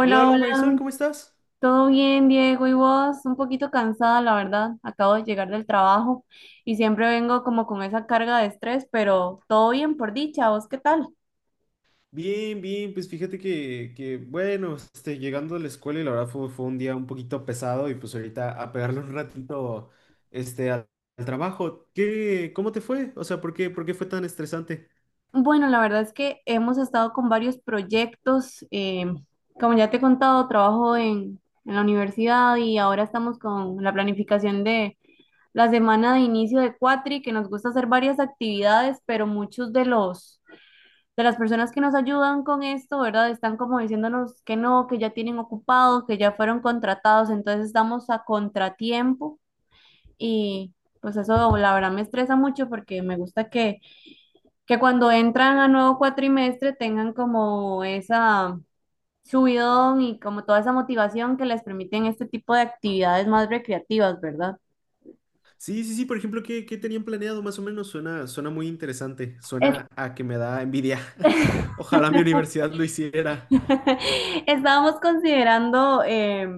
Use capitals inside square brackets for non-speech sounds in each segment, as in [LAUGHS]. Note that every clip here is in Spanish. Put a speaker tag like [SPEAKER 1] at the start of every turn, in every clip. [SPEAKER 1] Hola, hola Marisol,
[SPEAKER 2] hola.
[SPEAKER 1] ¿cómo estás?
[SPEAKER 2] ¿Todo bien, Diego? ¿Y vos? Un poquito cansada, la verdad. Acabo de llegar del trabajo y siempre vengo como con esa carga de estrés, pero todo bien por dicha. ¿Vos qué tal?
[SPEAKER 1] Bien, bien, pues fíjate bueno, este, llegando a la escuela y la verdad fue un día un poquito pesado y pues ahorita a pegarle un ratito, este, al, al trabajo. ¿ Cómo te fue? O sea, ¿ por qué fue tan estresante?
[SPEAKER 2] Bueno, la verdad es que hemos estado con varios proyectos. Como ya te he contado, trabajo en la universidad y ahora estamos con la planificación de la semana de inicio de Cuatri, que nos gusta hacer varias actividades, pero muchos de los de las personas que nos ayudan con esto, ¿verdad? Están como diciéndonos que no, que ya tienen ocupados, que ya fueron contratados, entonces estamos a contratiempo y pues eso la verdad me estresa mucho porque me gusta que cuando entran a nuevo cuatrimestre tengan como esa subidón y como toda esa motivación que les permiten este tipo de actividades más recreativas, ¿verdad?
[SPEAKER 1] Sí, sí, sí, por ejemplo, ¿ qué tenían planeado más o menos? Suena, suena muy interesante,
[SPEAKER 2] Es
[SPEAKER 1] suena a que me da envidia. [LAUGHS] Ojalá mi universidad lo hiciera.
[SPEAKER 2] [LAUGHS] Estábamos considerando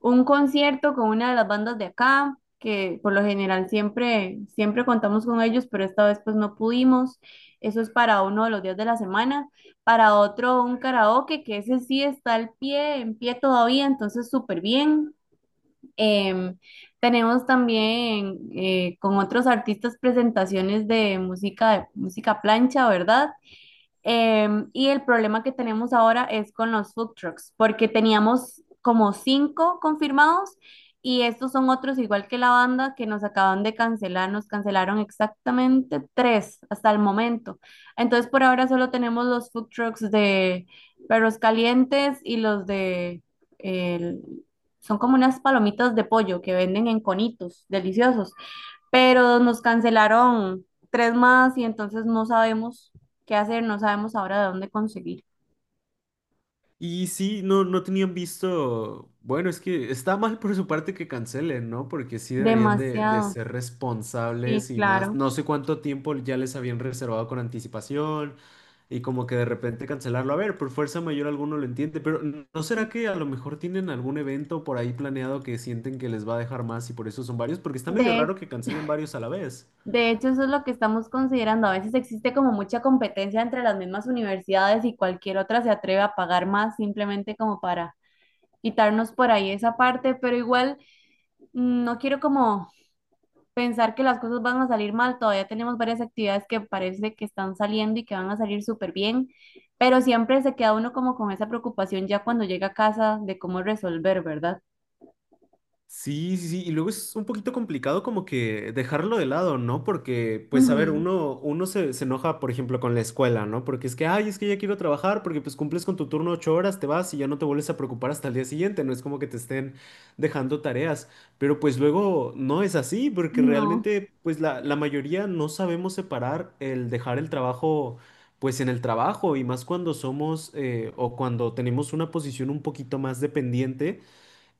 [SPEAKER 2] un concierto con una de las bandas de acá, que por lo general siempre contamos con ellos, pero esta vez pues no pudimos. Eso es para uno de los días de la semana. Para otro, un karaoke, que ese sí está al pie, en pie todavía, entonces súper bien. Em, Tenemos también con otros artistas presentaciones de música, música plancha, ¿verdad? Y el problema que tenemos ahora es con los food trucks, porque teníamos como cinco confirmados y estos son otros igual que la banda que nos acaban de cancelar, nos cancelaron exactamente tres hasta el momento. Entonces por ahora solo tenemos los food trucks de perros calientes y los de, el- son como unas palomitas de pollo que venden en conitos, deliciosos, pero nos cancelaron tres más y entonces no sabemos qué hacer, no sabemos ahora de dónde conseguir.
[SPEAKER 1] Y sí, no, no tenían visto, bueno, es que está mal por su parte que cancelen, ¿no? Porque sí deberían de
[SPEAKER 2] Demasiado.
[SPEAKER 1] ser
[SPEAKER 2] Sí,
[SPEAKER 1] responsables y más,
[SPEAKER 2] claro.
[SPEAKER 1] no sé cuánto tiempo ya les habían reservado con anticipación y como que de repente cancelarlo. A ver, por fuerza mayor alguno lo entiende, pero ¿no será que a lo mejor tienen algún evento por ahí planeado que sienten que les va a dejar más y por eso son varios? Porque está medio
[SPEAKER 2] De,
[SPEAKER 1] raro que cancelen varios a la vez.
[SPEAKER 2] de hecho, eso es lo que estamos considerando. A veces existe como mucha competencia entre las mismas universidades y cualquier otra se atreve a pagar más simplemente como para quitarnos por ahí esa parte, pero igual no quiero como pensar que las cosas van a salir mal. Todavía tenemos varias actividades que parece que están saliendo y que van a salir súper bien, pero siempre se queda uno como con esa preocupación ya cuando llega a casa de cómo resolver, ¿verdad?
[SPEAKER 1] Sí, sí, sí, y luego es un poquito complicado como que dejarlo de lado, ¿no? Porque, pues, a ver,
[SPEAKER 2] Ujú.
[SPEAKER 1] uno se enoja, por ejemplo, con la escuela, ¿no? Porque es que, ay, es que ya quiero trabajar, porque pues cumples con tu turno 8 horas, te vas y ya no te vuelves a preocupar hasta el día siguiente, no es como que te estén dejando tareas, pero pues luego no es así, porque
[SPEAKER 2] No,
[SPEAKER 1] realmente, pues, la mayoría no sabemos separar el dejar el trabajo. Pues en el trabajo y más cuando somos o cuando tenemos una posición un poquito más dependiente,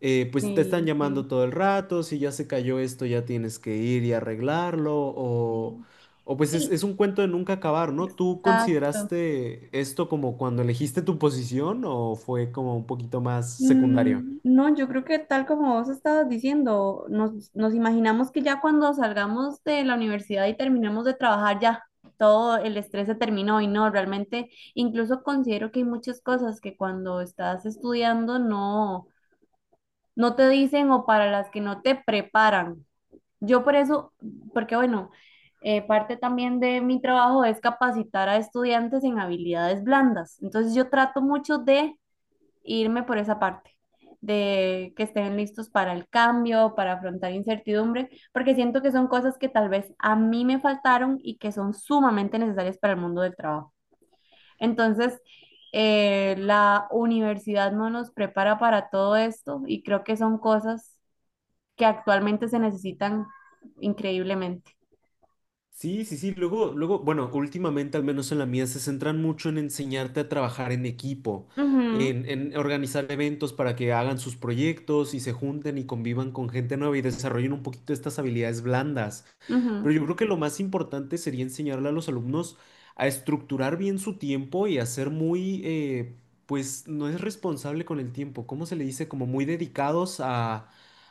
[SPEAKER 1] pues te están
[SPEAKER 2] sí, sí.
[SPEAKER 1] llamando todo el rato, si ya se cayó esto ya tienes que ir y arreglarlo, o pues
[SPEAKER 2] Sí,
[SPEAKER 1] es un cuento de nunca acabar, ¿no? ¿Tú
[SPEAKER 2] exacto.
[SPEAKER 1] consideraste esto como cuando elegiste tu posición o fue como un poquito más secundario?
[SPEAKER 2] No, yo creo que tal como vos estabas diciendo, nos imaginamos que ya cuando salgamos de la universidad y terminemos de trabajar, ya todo el estrés se terminó y no, realmente incluso considero que hay muchas cosas que cuando estás estudiando no te dicen o para las que no te preparan. Yo por eso, porque bueno, parte también de mi trabajo es capacitar a estudiantes en habilidades blandas. Entonces yo trato mucho de irme por esa parte de que estén listos para el cambio, para afrontar incertidumbre, porque siento que son cosas que tal vez a mí me faltaron y que son sumamente necesarias para el mundo del trabajo. Entonces, la universidad no nos prepara para todo esto y creo que son cosas que actualmente se necesitan increíblemente.
[SPEAKER 1] Sí, sí, sí. Luego, luego, bueno, últimamente, al menos en la mía, se centran mucho en enseñarte a trabajar en equipo,
[SPEAKER 2] Ujú,
[SPEAKER 1] en organizar eventos para que hagan sus proyectos y se junten y convivan con gente nueva y desarrollen un poquito estas habilidades blandas.
[SPEAKER 2] ujú,
[SPEAKER 1] Pero yo creo que lo más importante sería enseñarle a los alumnos a estructurar bien su tiempo y a ser muy, pues, no es responsable con el tiempo. ¿Cómo se le dice? Como muy dedicados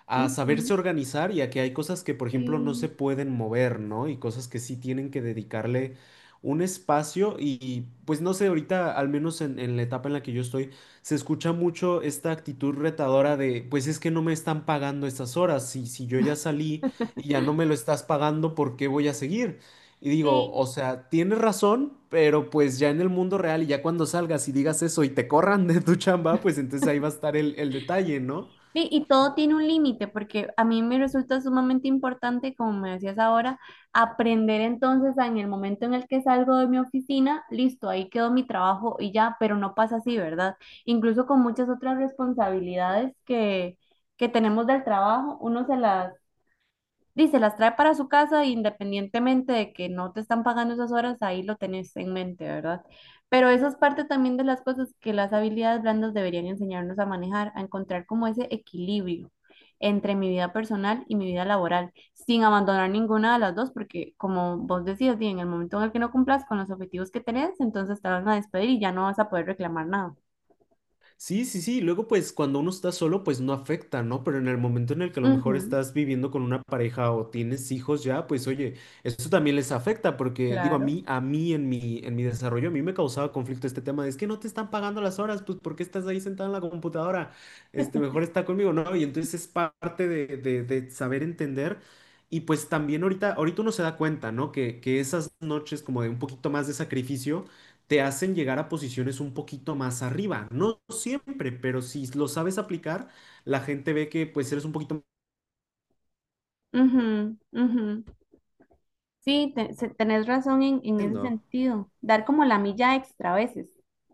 [SPEAKER 1] a
[SPEAKER 2] ujú,
[SPEAKER 1] saberse organizar y a que hay cosas que, por ejemplo, no se
[SPEAKER 2] sí.
[SPEAKER 1] pueden mover, ¿no? Y cosas que sí tienen que dedicarle un espacio y, pues no sé, ahorita, al menos en la etapa en la que yo estoy, se escucha mucho esta actitud retadora de, pues es que no me están pagando estas horas, si yo ya salí y ya
[SPEAKER 2] [LAUGHS]
[SPEAKER 1] no me lo estás pagando, ¿por qué voy a seguir? Y digo,
[SPEAKER 2] Sí,
[SPEAKER 1] o sea, tienes razón, pero pues ya en el mundo real y ya cuando salgas y digas eso y te corran de tu chamba, pues entonces ahí va a estar el detalle, ¿no?
[SPEAKER 2] sí, y todo tiene un límite, porque a mí me resulta sumamente importante, como me decías ahora, aprender entonces a en el momento en el que salgo de mi oficina, listo, ahí quedó mi trabajo y ya, pero no pasa así, ¿verdad? Incluso con muchas otras responsabilidades que tenemos del trabajo, uno se las dice, las trae para su casa independientemente de que no te están pagando esas horas, ahí lo tenés en mente, ¿verdad? Pero esa es parte también de las cosas que las habilidades blandas deberían enseñarnos a manejar, a encontrar como ese equilibrio entre mi vida personal y mi vida laboral, sin abandonar ninguna de las dos, porque como vos decías, di, en el momento en el que no cumplas con los objetivos que tenés, entonces te van a despedir y ya no vas a poder reclamar nada.
[SPEAKER 1] Sí, sí, sí. Luego, pues cuando uno está solo, pues no afecta, ¿no? Pero en el momento en el que a lo mejor
[SPEAKER 2] Ujú,
[SPEAKER 1] estás viviendo con una pareja o tienes hijos ya, pues oye, eso también les afecta porque digo,
[SPEAKER 2] claro.
[SPEAKER 1] a mí en mi desarrollo, a mí me causaba conflicto este tema de es que no te están pagando las horas, pues ¿por qué estás ahí sentado en la computadora? Este, mejor está conmigo, ¿no? Y entonces es parte de saber entender. Y pues también ahorita, ahorita uno se da cuenta, ¿no? Que esas noches como de un poquito más de sacrificio te hacen llegar a posiciones un poquito más arriba. No siempre, pero si lo sabes aplicar, la gente ve que pues eres un poquito más...
[SPEAKER 2] Ujú, ujú. Sí, tenés razón en ese
[SPEAKER 1] bueno.
[SPEAKER 2] sentido. Dar como la milla extra a veces.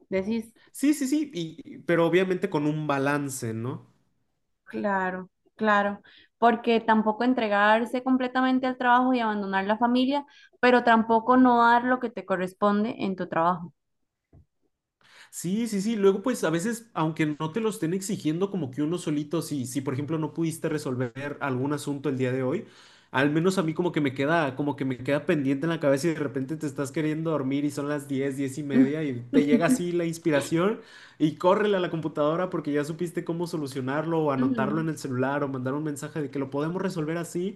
[SPEAKER 2] Decís,
[SPEAKER 1] Sí, sí, sí, y- pero obviamente con un balance, ¿no?
[SPEAKER 2] claro, claro, porque tampoco entregarse completamente al trabajo y abandonar la familia, pero tampoco no dar lo que te corresponde en tu trabajo.
[SPEAKER 1] Sí, sí, sí. Luego, pues a veces, aunque no te lo estén exigiendo, como que uno solito, si por ejemplo no pudiste resolver algún asunto el día de hoy, al menos a mí como que me queda, como que me queda pendiente en la cabeza y de repente te estás queriendo dormir y son las 10, 10:30 y te llega
[SPEAKER 2] [LAUGHS]
[SPEAKER 1] así la inspiración y córrele a la computadora porque ya supiste cómo solucionarlo o anotarlo
[SPEAKER 2] Ujú,
[SPEAKER 1] en el celular o mandar un mensaje de que lo podemos resolver así.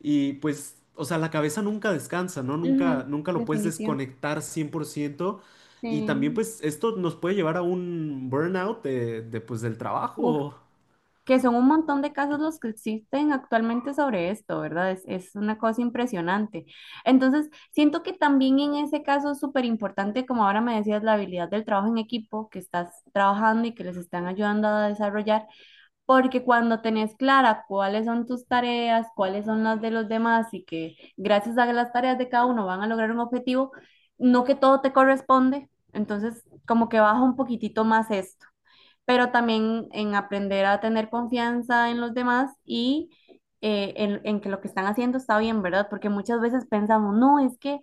[SPEAKER 1] Y pues, o sea, la cabeza nunca descansa, ¿no?
[SPEAKER 2] ujú,
[SPEAKER 1] Nunca, nunca lo puedes
[SPEAKER 2] definitivo.
[SPEAKER 1] desconectar 100%. Y también,
[SPEAKER 2] Sí.
[SPEAKER 1] pues, esto nos puede llevar a un burnout pues, del
[SPEAKER 2] Uf,
[SPEAKER 1] trabajo.
[SPEAKER 2] que son un montón de casos los que existen actualmente sobre esto, ¿verdad? Es una cosa impresionante. Entonces, siento que también en ese caso es súper importante, como ahora me decías, la habilidad del trabajo en equipo, que estás trabajando y que les están ayudando a desarrollar, porque cuando tenés clara cuáles son tus tareas, cuáles son las de los demás y que gracias a las tareas de cada uno van a lograr un objetivo, no que todo te corresponde, entonces como que baja un poquitito más esto, pero también en aprender a tener confianza en los demás y en que lo que están haciendo está bien, ¿verdad? Porque muchas veces pensamos, no, es que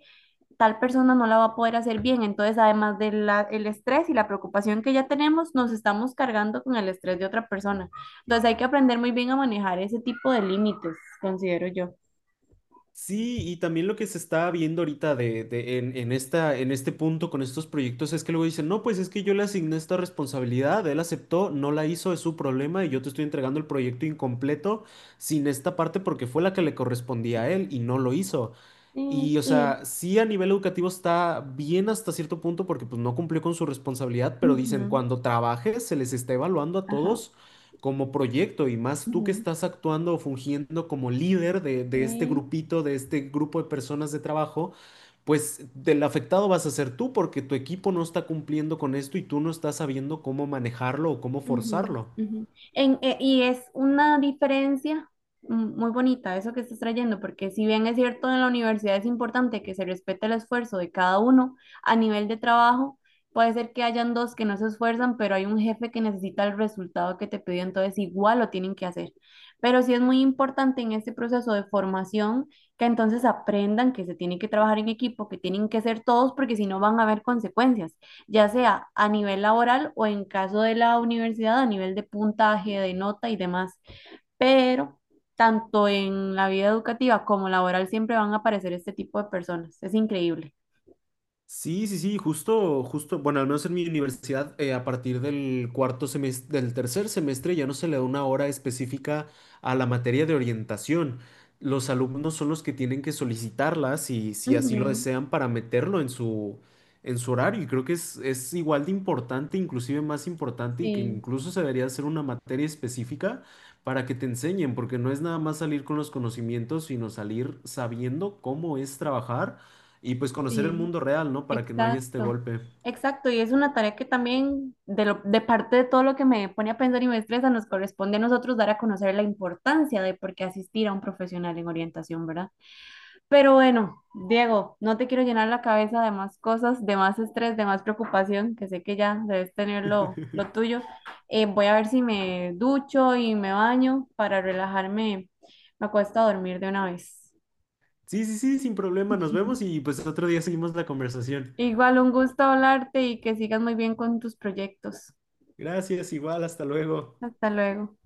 [SPEAKER 2] tal persona no la va a poder hacer bien, entonces además del el estrés y la preocupación que ya tenemos, nos estamos cargando con el estrés de otra persona. Entonces hay que aprender muy bien a manejar ese tipo de límites, considero yo.
[SPEAKER 1] Sí, y también lo que se está viendo ahorita en esta, en este punto con estos proyectos es que luego dicen, no, pues es que yo le asigné esta responsabilidad, él aceptó, no la hizo, es su problema y yo te estoy entregando el proyecto incompleto sin esta parte porque fue la que le correspondía a él y no lo hizo.
[SPEAKER 2] Sí,
[SPEAKER 1] Y, o
[SPEAKER 2] y,
[SPEAKER 1] sea, sí a nivel educativo está bien hasta cierto punto porque pues no cumplió con su responsabilidad, pero dicen,
[SPEAKER 2] ujú,
[SPEAKER 1] cuando trabajes se les está evaluando a
[SPEAKER 2] ajá,
[SPEAKER 1] todos como proyecto y más tú que
[SPEAKER 2] ujú,
[SPEAKER 1] estás actuando o fungiendo como líder de este
[SPEAKER 2] sí.
[SPEAKER 1] grupito, de este grupo de personas de trabajo, pues del afectado vas a ser tú porque tu equipo no está cumpliendo con esto y tú no estás sabiendo cómo manejarlo o cómo
[SPEAKER 2] Ujú,
[SPEAKER 1] forzarlo.
[SPEAKER 2] ujú. Y es una diferencia muy bonita eso que estás trayendo, porque si bien es cierto en la universidad es importante que se respete el esfuerzo de cada uno a nivel de trabajo, puede ser que hayan dos que no se esfuerzan, pero hay un jefe que necesita el resultado que te pidió, entonces igual lo tienen que hacer. Pero sí es muy importante en este proceso de formación que entonces aprendan que se tiene que trabajar en equipo, que tienen que ser todos, porque si no van a haber consecuencias ya sea a nivel laboral o en caso de la universidad a nivel de puntaje, de nota y demás. Pero tanto en la vida educativa como laboral siempre van a aparecer este tipo de personas. Es increíble.
[SPEAKER 1] Sí, sí, sí, justo, justo, bueno, al menos en mi universidad, a partir del cuarto semestre, del tercer semestre, ya no se le da una hora específica a la materia de orientación. Los alumnos son los que tienen que solicitarla, si así lo
[SPEAKER 2] Ujú,
[SPEAKER 1] desean, para meterlo en su horario. Y creo que es igual de importante, inclusive más importante, y que
[SPEAKER 2] sí,
[SPEAKER 1] incluso se debería hacer una materia específica para que te enseñen, porque no es nada más salir con los conocimientos, sino salir sabiendo cómo es trabajar y pues conocer el
[SPEAKER 2] sí,
[SPEAKER 1] mundo real, ¿no? Para que no haya este
[SPEAKER 2] exacto.
[SPEAKER 1] golpe.
[SPEAKER 2] Exacto, y es una tarea que también de, de parte de todo lo que me pone a pensar y me estresa, nos corresponde a nosotros dar a conocer la importancia de por qué asistir a un profesional en orientación, ¿verdad? Pero bueno, Diego, no te quiero llenar la cabeza de más cosas, de más estrés, de más preocupación, que sé que ya debes tener lo
[SPEAKER 1] [LAUGHS]
[SPEAKER 2] tuyo. Voy a ver si me ducho y me baño para relajarme. Me acuesto a dormir de una vez.
[SPEAKER 1] Sí, sí, sí, sin problema. Nos vemos
[SPEAKER 2] [LAUGHS]
[SPEAKER 1] y pues otro día seguimos la conversación.
[SPEAKER 2] Igual un gusto hablarte y que sigas muy bien con tus proyectos.
[SPEAKER 1] Gracias, igual, hasta luego.
[SPEAKER 2] Hasta luego.